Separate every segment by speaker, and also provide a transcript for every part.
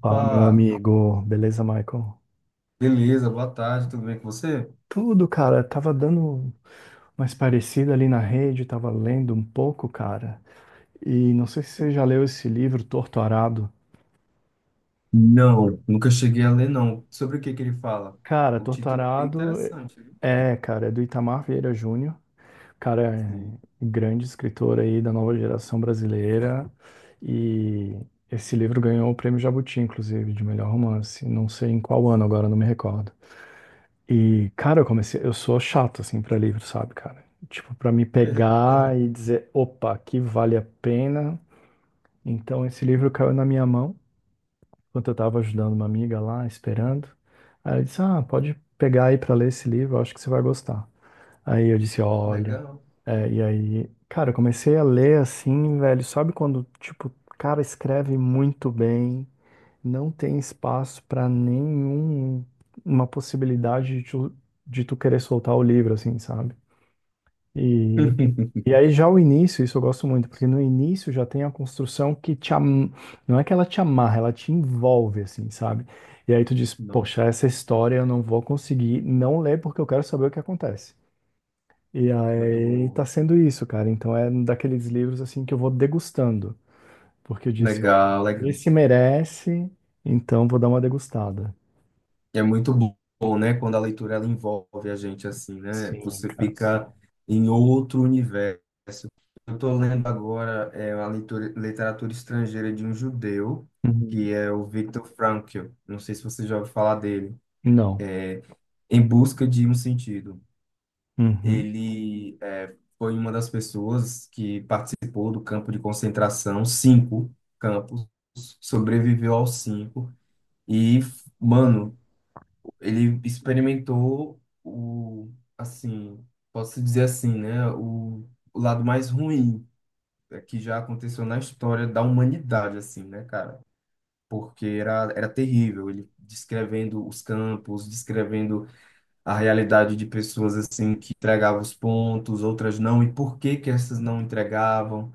Speaker 1: Fala, meu amigo. Beleza, Michael?
Speaker 2: beleza, boa tarde, tudo bem com você?
Speaker 1: Tudo, cara. Tava dando mais parecida ali na rede, tava lendo um pouco, cara. E não sei se você já leu esse livro, Torto Arado.
Speaker 2: Não, nunca cheguei a ler, não. Sobre o que que ele fala?
Speaker 1: Cara,
Speaker 2: O
Speaker 1: Torto
Speaker 2: título é bem
Speaker 1: Arado
Speaker 2: interessante, viu?
Speaker 1: é, cara, é do Itamar Vieira Júnior. Cara, é
Speaker 2: Sim,
Speaker 1: um grande escritor aí da nova geração brasileira. E esse livro ganhou o prêmio Jabuti, inclusive, de melhor romance. Não sei em qual ano agora, não me recordo. E, cara, eu sou chato assim pra livro, sabe, cara? Tipo, pra me pegar e dizer, opa, aqui vale a pena. Então esse livro caiu na minha mão, enquanto eu tava ajudando uma amiga lá, esperando. Aí ela disse: "Ah, pode pegar aí pra ler esse livro, eu acho que você vai gostar". Aí eu disse: "Olha".
Speaker 2: legal.
Speaker 1: É, e aí, cara, eu comecei a ler assim, velho, sabe quando, tipo, o cara escreve muito bem, não tem espaço para nenhum, uma possibilidade de tu querer soltar o livro, assim, sabe? E, e aí já o início, isso eu gosto muito, porque no início já tem a construção que te am... não é que ela te amarra, ela te envolve, assim, sabe? E aí tu diz,
Speaker 2: Nossa,
Speaker 1: poxa, essa história eu não vou conseguir não ler porque eu quero saber o que acontece. E
Speaker 2: muito
Speaker 1: aí tá
Speaker 2: bom.
Speaker 1: sendo isso, cara. Então é um daqueles livros assim que eu vou degustando, porque eu disse, opa,
Speaker 2: Legal, legal.
Speaker 1: esse merece, então vou dar uma degustada.
Speaker 2: É muito bom, né? Quando a leitura ela envolve a gente assim, né?
Speaker 1: Sim,
Speaker 2: Você
Speaker 1: cara.
Speaker 2: fica em outro universo. Eu estou lendo agora literatura estrangeira de um judeu,
Speaker 1: Uhum.
Speaker 2: que é o Viktor Frankl. Não sei se você já ouviu falar dele.
Speaker 1: Não.
Speaker 2: Em Busca de um Sentido.
Speaker 1: Uhum.
Speaker 2: Ele é, foi uma das pessoas que participou do campo de concentração, cinco campos, sobreviveu aos cinco e, mano, ele experimentou o, assim, posso dizer assim, né, o lado mais ruim é, que já aconteceu na história da humanidade, assim, né, cara? Porque era terrível, ele descrevendo os campos, descrevendo a realidade de pessoas assim que entregavam os pontos, outras não, e por que que essas não entregavam.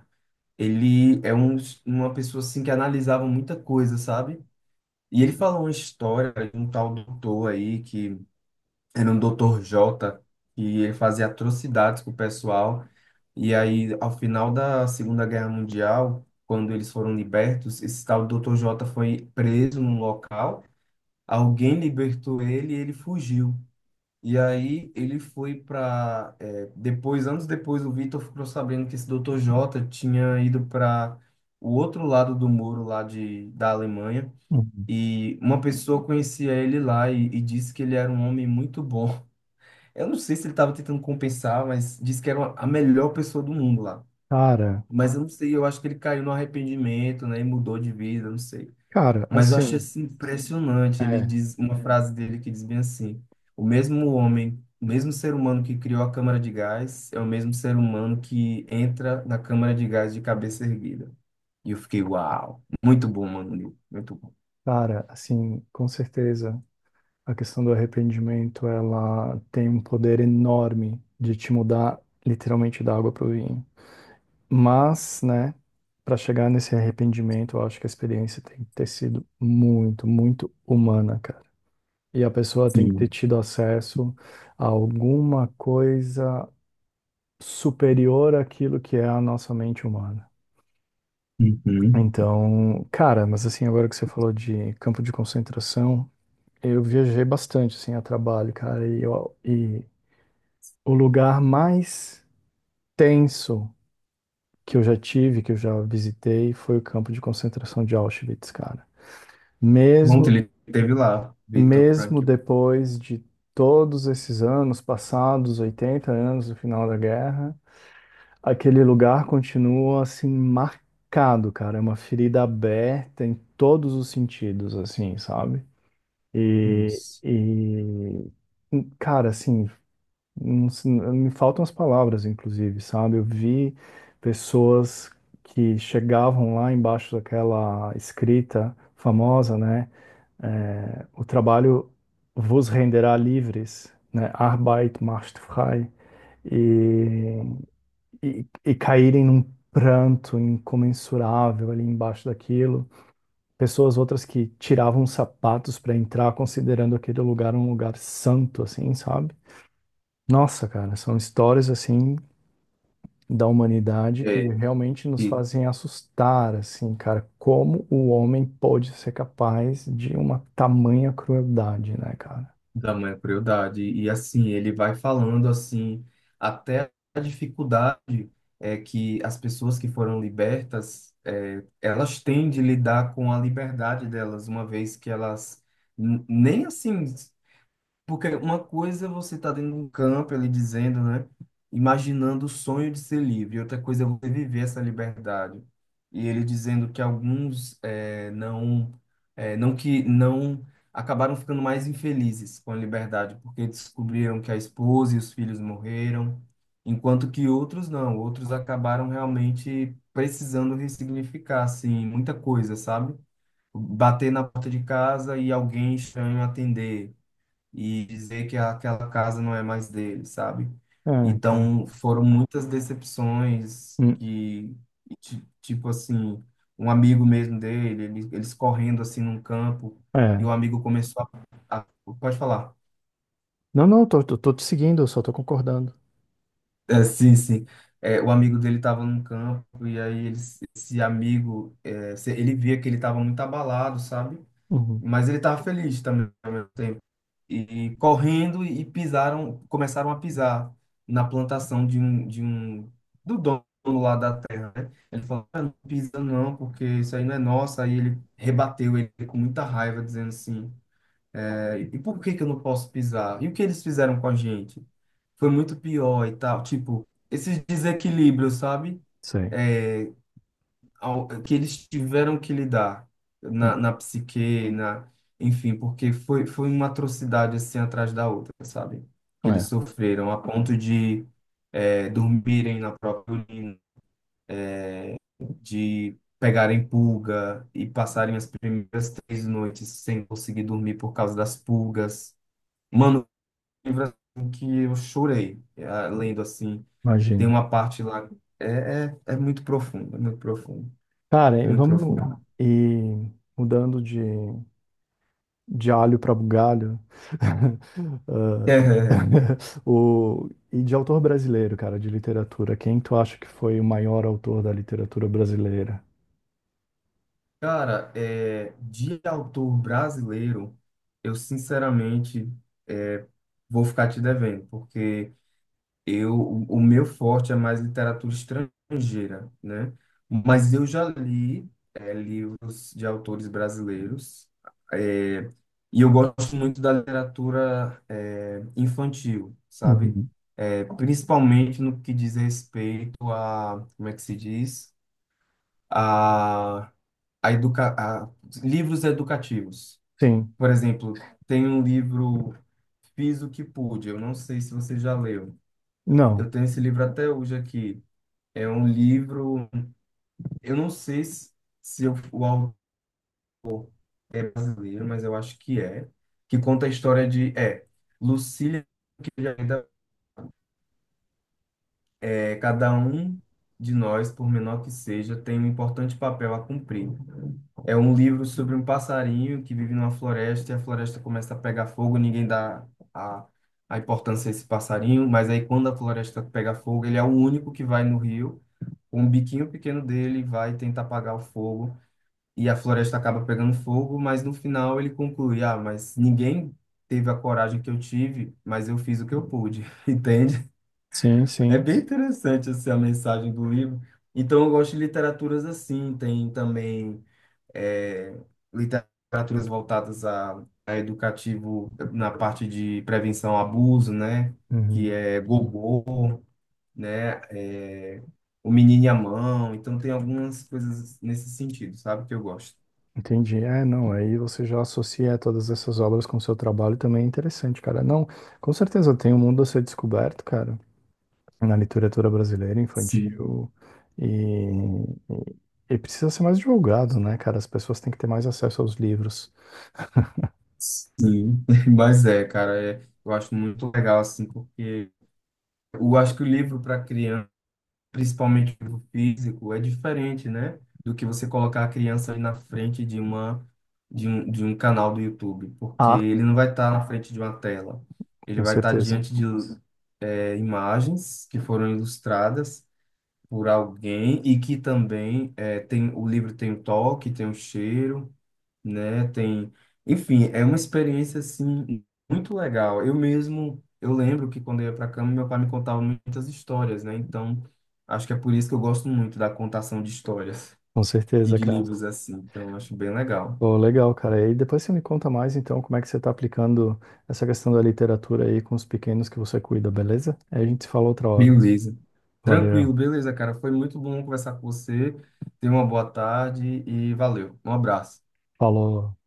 Speaker 2: Ele é uma pessoa assim que analisava muita coisa, sabe? E ele falou uma história de um tal doutor aí que era um doutor Jota e ele fazia atrocidades com o pessoal. E aí, ao final da Segunda Guerra Mundial, quando eles foram libertos, esse tal doutor Jota foi preso num local. Alguém libertou ele e ele fugiu. E aí ele foi para depois, anos depois, o Vitor ficou sabendo que esse Dr. J tinha ido para o outro lado do muro lá da Alemanha.
Speaker 1: Uhum.
Speaker 2: E uma pessoa conhecia ele lá e disse que ele era um homem muito bom. Eu não sei se ele estava tentando compensar, mas disse que era a melhor pessoa do mundo lá.
Speaker 1: Cara,
Speaker 2: Mas eu não sei, eu acho que ele caiu no arrependimento, né? E mudou de vida, eu não sei.
Speaker 1: cara,
Speaker 2: Mas eu achei
Speaker 1: assim,
Speaker 2: assim, impressionante. Ele
Speaker 1: é,
Speaker 2: diz uma frase dele que diz bem assim: o mesmo homem, o mesmo ser humano que criou a câmara de gás é o mesmo ser humano que entra na câmara de gás de cabeça erguida. E eu fiquei, uau, muito bom, mano, Neil, muito bom.
Speaker 1: cara, assim, com certeza a questão do arrependimento, ela tem um poder enorme de te mudar literalmente da água pro vinho. Mas, né, para chegar nesse arrependimento, eu acho que a experiência tem que ter sido muito, muito humana, cara. E a pessoa tem que ter
Speaker 2: Sim.
Speaker 1: tido acesso a alguma coisa superior àquilo que é a nossa mente humana.
Speaker 2: Uhum.
Speaker 1: Então, cara, mas assim, agora que você falou de campo de concentração, eu viajei bastante, assim, a trabalho, cara, e o lugar mais tenso que eu já visitei, foi o campo de concentração de Auschwitz, cara.
Speaker 2: Pronto,
Speaker 1: Mesmo,
Speaker 2: ele teve lá, Vitor
Speaker 1: Mesmo
Speaker 2: Frankl.
Speaker 1: depois de todos esses anos passados, 80 anos do final da guerra, aquele lugar continua, assim, marcado, cara, é uma ferida aberta em todos os sentidos, assim, sabe? E,
Speaker 2: Isso.
Speaker 1: e cara, assim, não se- me faltam as palavras, inclusive, sabe? Eu vi pessoas que chegavam lá embaixo daquela escrita famosa, né? É, o trabalho vos renderá livres, né? Arbeit macht frei. E, e caírem num pranto incomensurável ali embaixo daquilo, pessoas outras que tiravam sapatos para entrar, considerando aquele lugar um lugar santo, assim, sabe? Nossa, cara, são histórias assim da humanidade que
Speaker 2: É,
Speaker 1: realmente nos fazem assustar, assim, cara, como o homem pode ser capaz de uma tamanha crueldade, né, cara?
Speaker 2: da mãe crueldade. E assim, ele vai falando assim, até a dificuldade é que as pessoas que foram libertas, elas têm de lidar com a liberdade delas, uma vez que elas nem assim porque uma coisa é você tá dentro de um campo ali dizendo, né? Imaginando o sonho de ser livre. Outra coisa é você viver essa liberdade. E ele dizendo que alguns não, não que não acabaram ficando mais infelizes com a liberdade, porque descobriram que a esposa e os filhos morreram, enquanto que outros não. Outros acabaram realmente precisando ressignificar, assim, muita coisa, sabe? Bater na porta de casa e alguém estranho atender e dizer que aquela casa não é mais dele, sabe?
Speaker 1: É, cara.
Speaker 2: Então, foram muitas decepções
Speaker 1: Hum,
Speaker 2: que, tipo assim, um amigo mesmo dele, eles correndo assim num campo, e
Speaker 1: é.
Speaker 2: o amigo começou a... a- Pode falar.
Speaker 1: Não, não, tô te seguindo, eu só tô concordando.
Speaker 2: É, sim, sim. É, o amigo dele estava num campo, e aí esse amigo, ele via que ele estava muito abalado, sabe?
Speaker 1: Uhum,
Speaker 2: Mas ele estava feliz também ao mesmo tempo. E correndo e pisaram, começaram a pisar na plantação do dono lá da terra, né? Ele falou, "Ah, não pisa não, porque isso aí não é nosso." Aí ele rebateu ele com muita raiva, dizendo assim, "É, e por que que eu não posso pisar? E o que eles fizeram com a gente? Foi muito pior e tal." Tipo, esses desequilíbrios, sabe?
Speaker 1: sei.
Speaker 2: É, que eles tiveram que lidar na,
Speaker 1: Hum,
Speaker 2: na psique, enfim, porque foi uma atrocidade assim atrás da outra, sabe? Que eles
Speaker 1: é,
Speaker 2: sofreram a ponto de dormirem na própria urina, de pegarem pulga e passarem as primeiras 3 noites sem conseguir dormir por causa das pulgas. Mano, um livro assim que eu chorei lendo assim. Tem
Speaker 1: imagino.
Speaker 2: uma parte lá, é muito profundo, é muito profundo,
Speaker 1: Cara, e
Speaker 2: muito
Speaker 1: vamos
Speaker 2: profundo.
Speaker 1: e mudando de alho para bugalho. O, e de autor brasileiro, cara, de literatura. Quem tu acha que foi o maior autor da literatura brasileira?
Speaker 2: Cara, de autor brasileiro, eu sinceramente é, vou ficar te devendo, porque eu, o meu forte é mais literatura estrangeira, né? Mas eu já li livros de autores brasileiros, é, e eu gosto muito da literatura infantil, sabe?
Speaker 1: Uhum.
Speaker 2: Principalmente no que diz respeito a, como é que se diz? a a educa a, Livros educativos.
Speaker 1: Sim.
Speaker 2: Por exemplo, tem um livro Fiz o que pude. Eu não sei se você já leu. Eu
Speaker 1: Não.
Speaker 2: tenho esse livro até hoje aqui. É um livro, eu não sei se o autor é brasileiro, mas eu acho que que conta a história de Lucília, que já cada um de nós, por menor que seja, tem um importante papel a cumprir. É um livro sobre um passarinho que vive numa floresta e a floresta começa a pegar fogo, ninguém dá a, a importância a esse passarinho, mas aí quando a floresta pega fogo, ele é o único que vai no rio, com o biquinho pequeno dele, vai tentar apagar o fogo e a floresta acaba pegando fogo, mas no final ele conclui: ah, mas ninguém teve a coragem que eu tive, mas eu fiz o que eu pude, entende?
Speaker 1: Sim,
Speaker 2: É
Speaker 1: sim.
Speaker 2: bem interessante essa a mensagem do livro. Então eu gosto de literaturas assim, tem também é, literaturas voltadas a educativo na parte de prevenção ao abuso, né? Que
Speaker 1: Uhum.
Speaker 2: é Gogô, né? É, O Menino e a Mão. Então tem algumas coisas nesse sentido, sabe? Que eu gosto.
Speaker 1: Entendi. É, não, aí você já associa todas essas obras com o seu trabalho também é interessante, cara. Não, com certeza tem um mundo a ser descoberto, cara, na literatura brasileira
Speaker 2: Sim,
Speaker 1: infantil e, e precisa ser mais divulgado, né, cara? As pessoas têm que ter mais acesso aos livros.
Speaker 2: sim. Mas é, cara, eu acho muito legal, assim, porque eu acho que o livro para criança principalmente do físico, é diferente, né? Do que você colocar a criança ali na frente de um canal do YouTube, porque
Speaker 1: Ah,
Speaker 2: ele não vai estar na frente de uma tela. Ele
Speaker 1: com
Speaker 2: vai estar
Speaker 1: certeza,
Speaker 2: diante de imagens que foram ilustradas por alguém e que também tem o livro tem o toque, tem o cheiro, né? Tem, enfim, é uma experiência assim muito legal. Eu mesmo, eu lembro que quando eu ia para a cama, meu pai me contava muitas histórias, né? Então, acho que é por isso que eu gosto muito da contação de histórias e de
Speaker 1: cara.
Speaker 2: livros assim. Então, acho bem legal.
Speaker 1: Pô, legal, cara. E depois você me conta mais, então, como é que você está aplicando essa questão da literatura aí com os pequenos que você cuida, beleza? Aí a gente se fala outra hora.
Speaker 2: Beleza. Tranquilo,
Speaker 1: Valeu.
Speaker 2: beleza, cara. Foi muito bom conversar com você. Tenha uma boa tarde e valeu. Um abraço.
Speaker 1: Falou.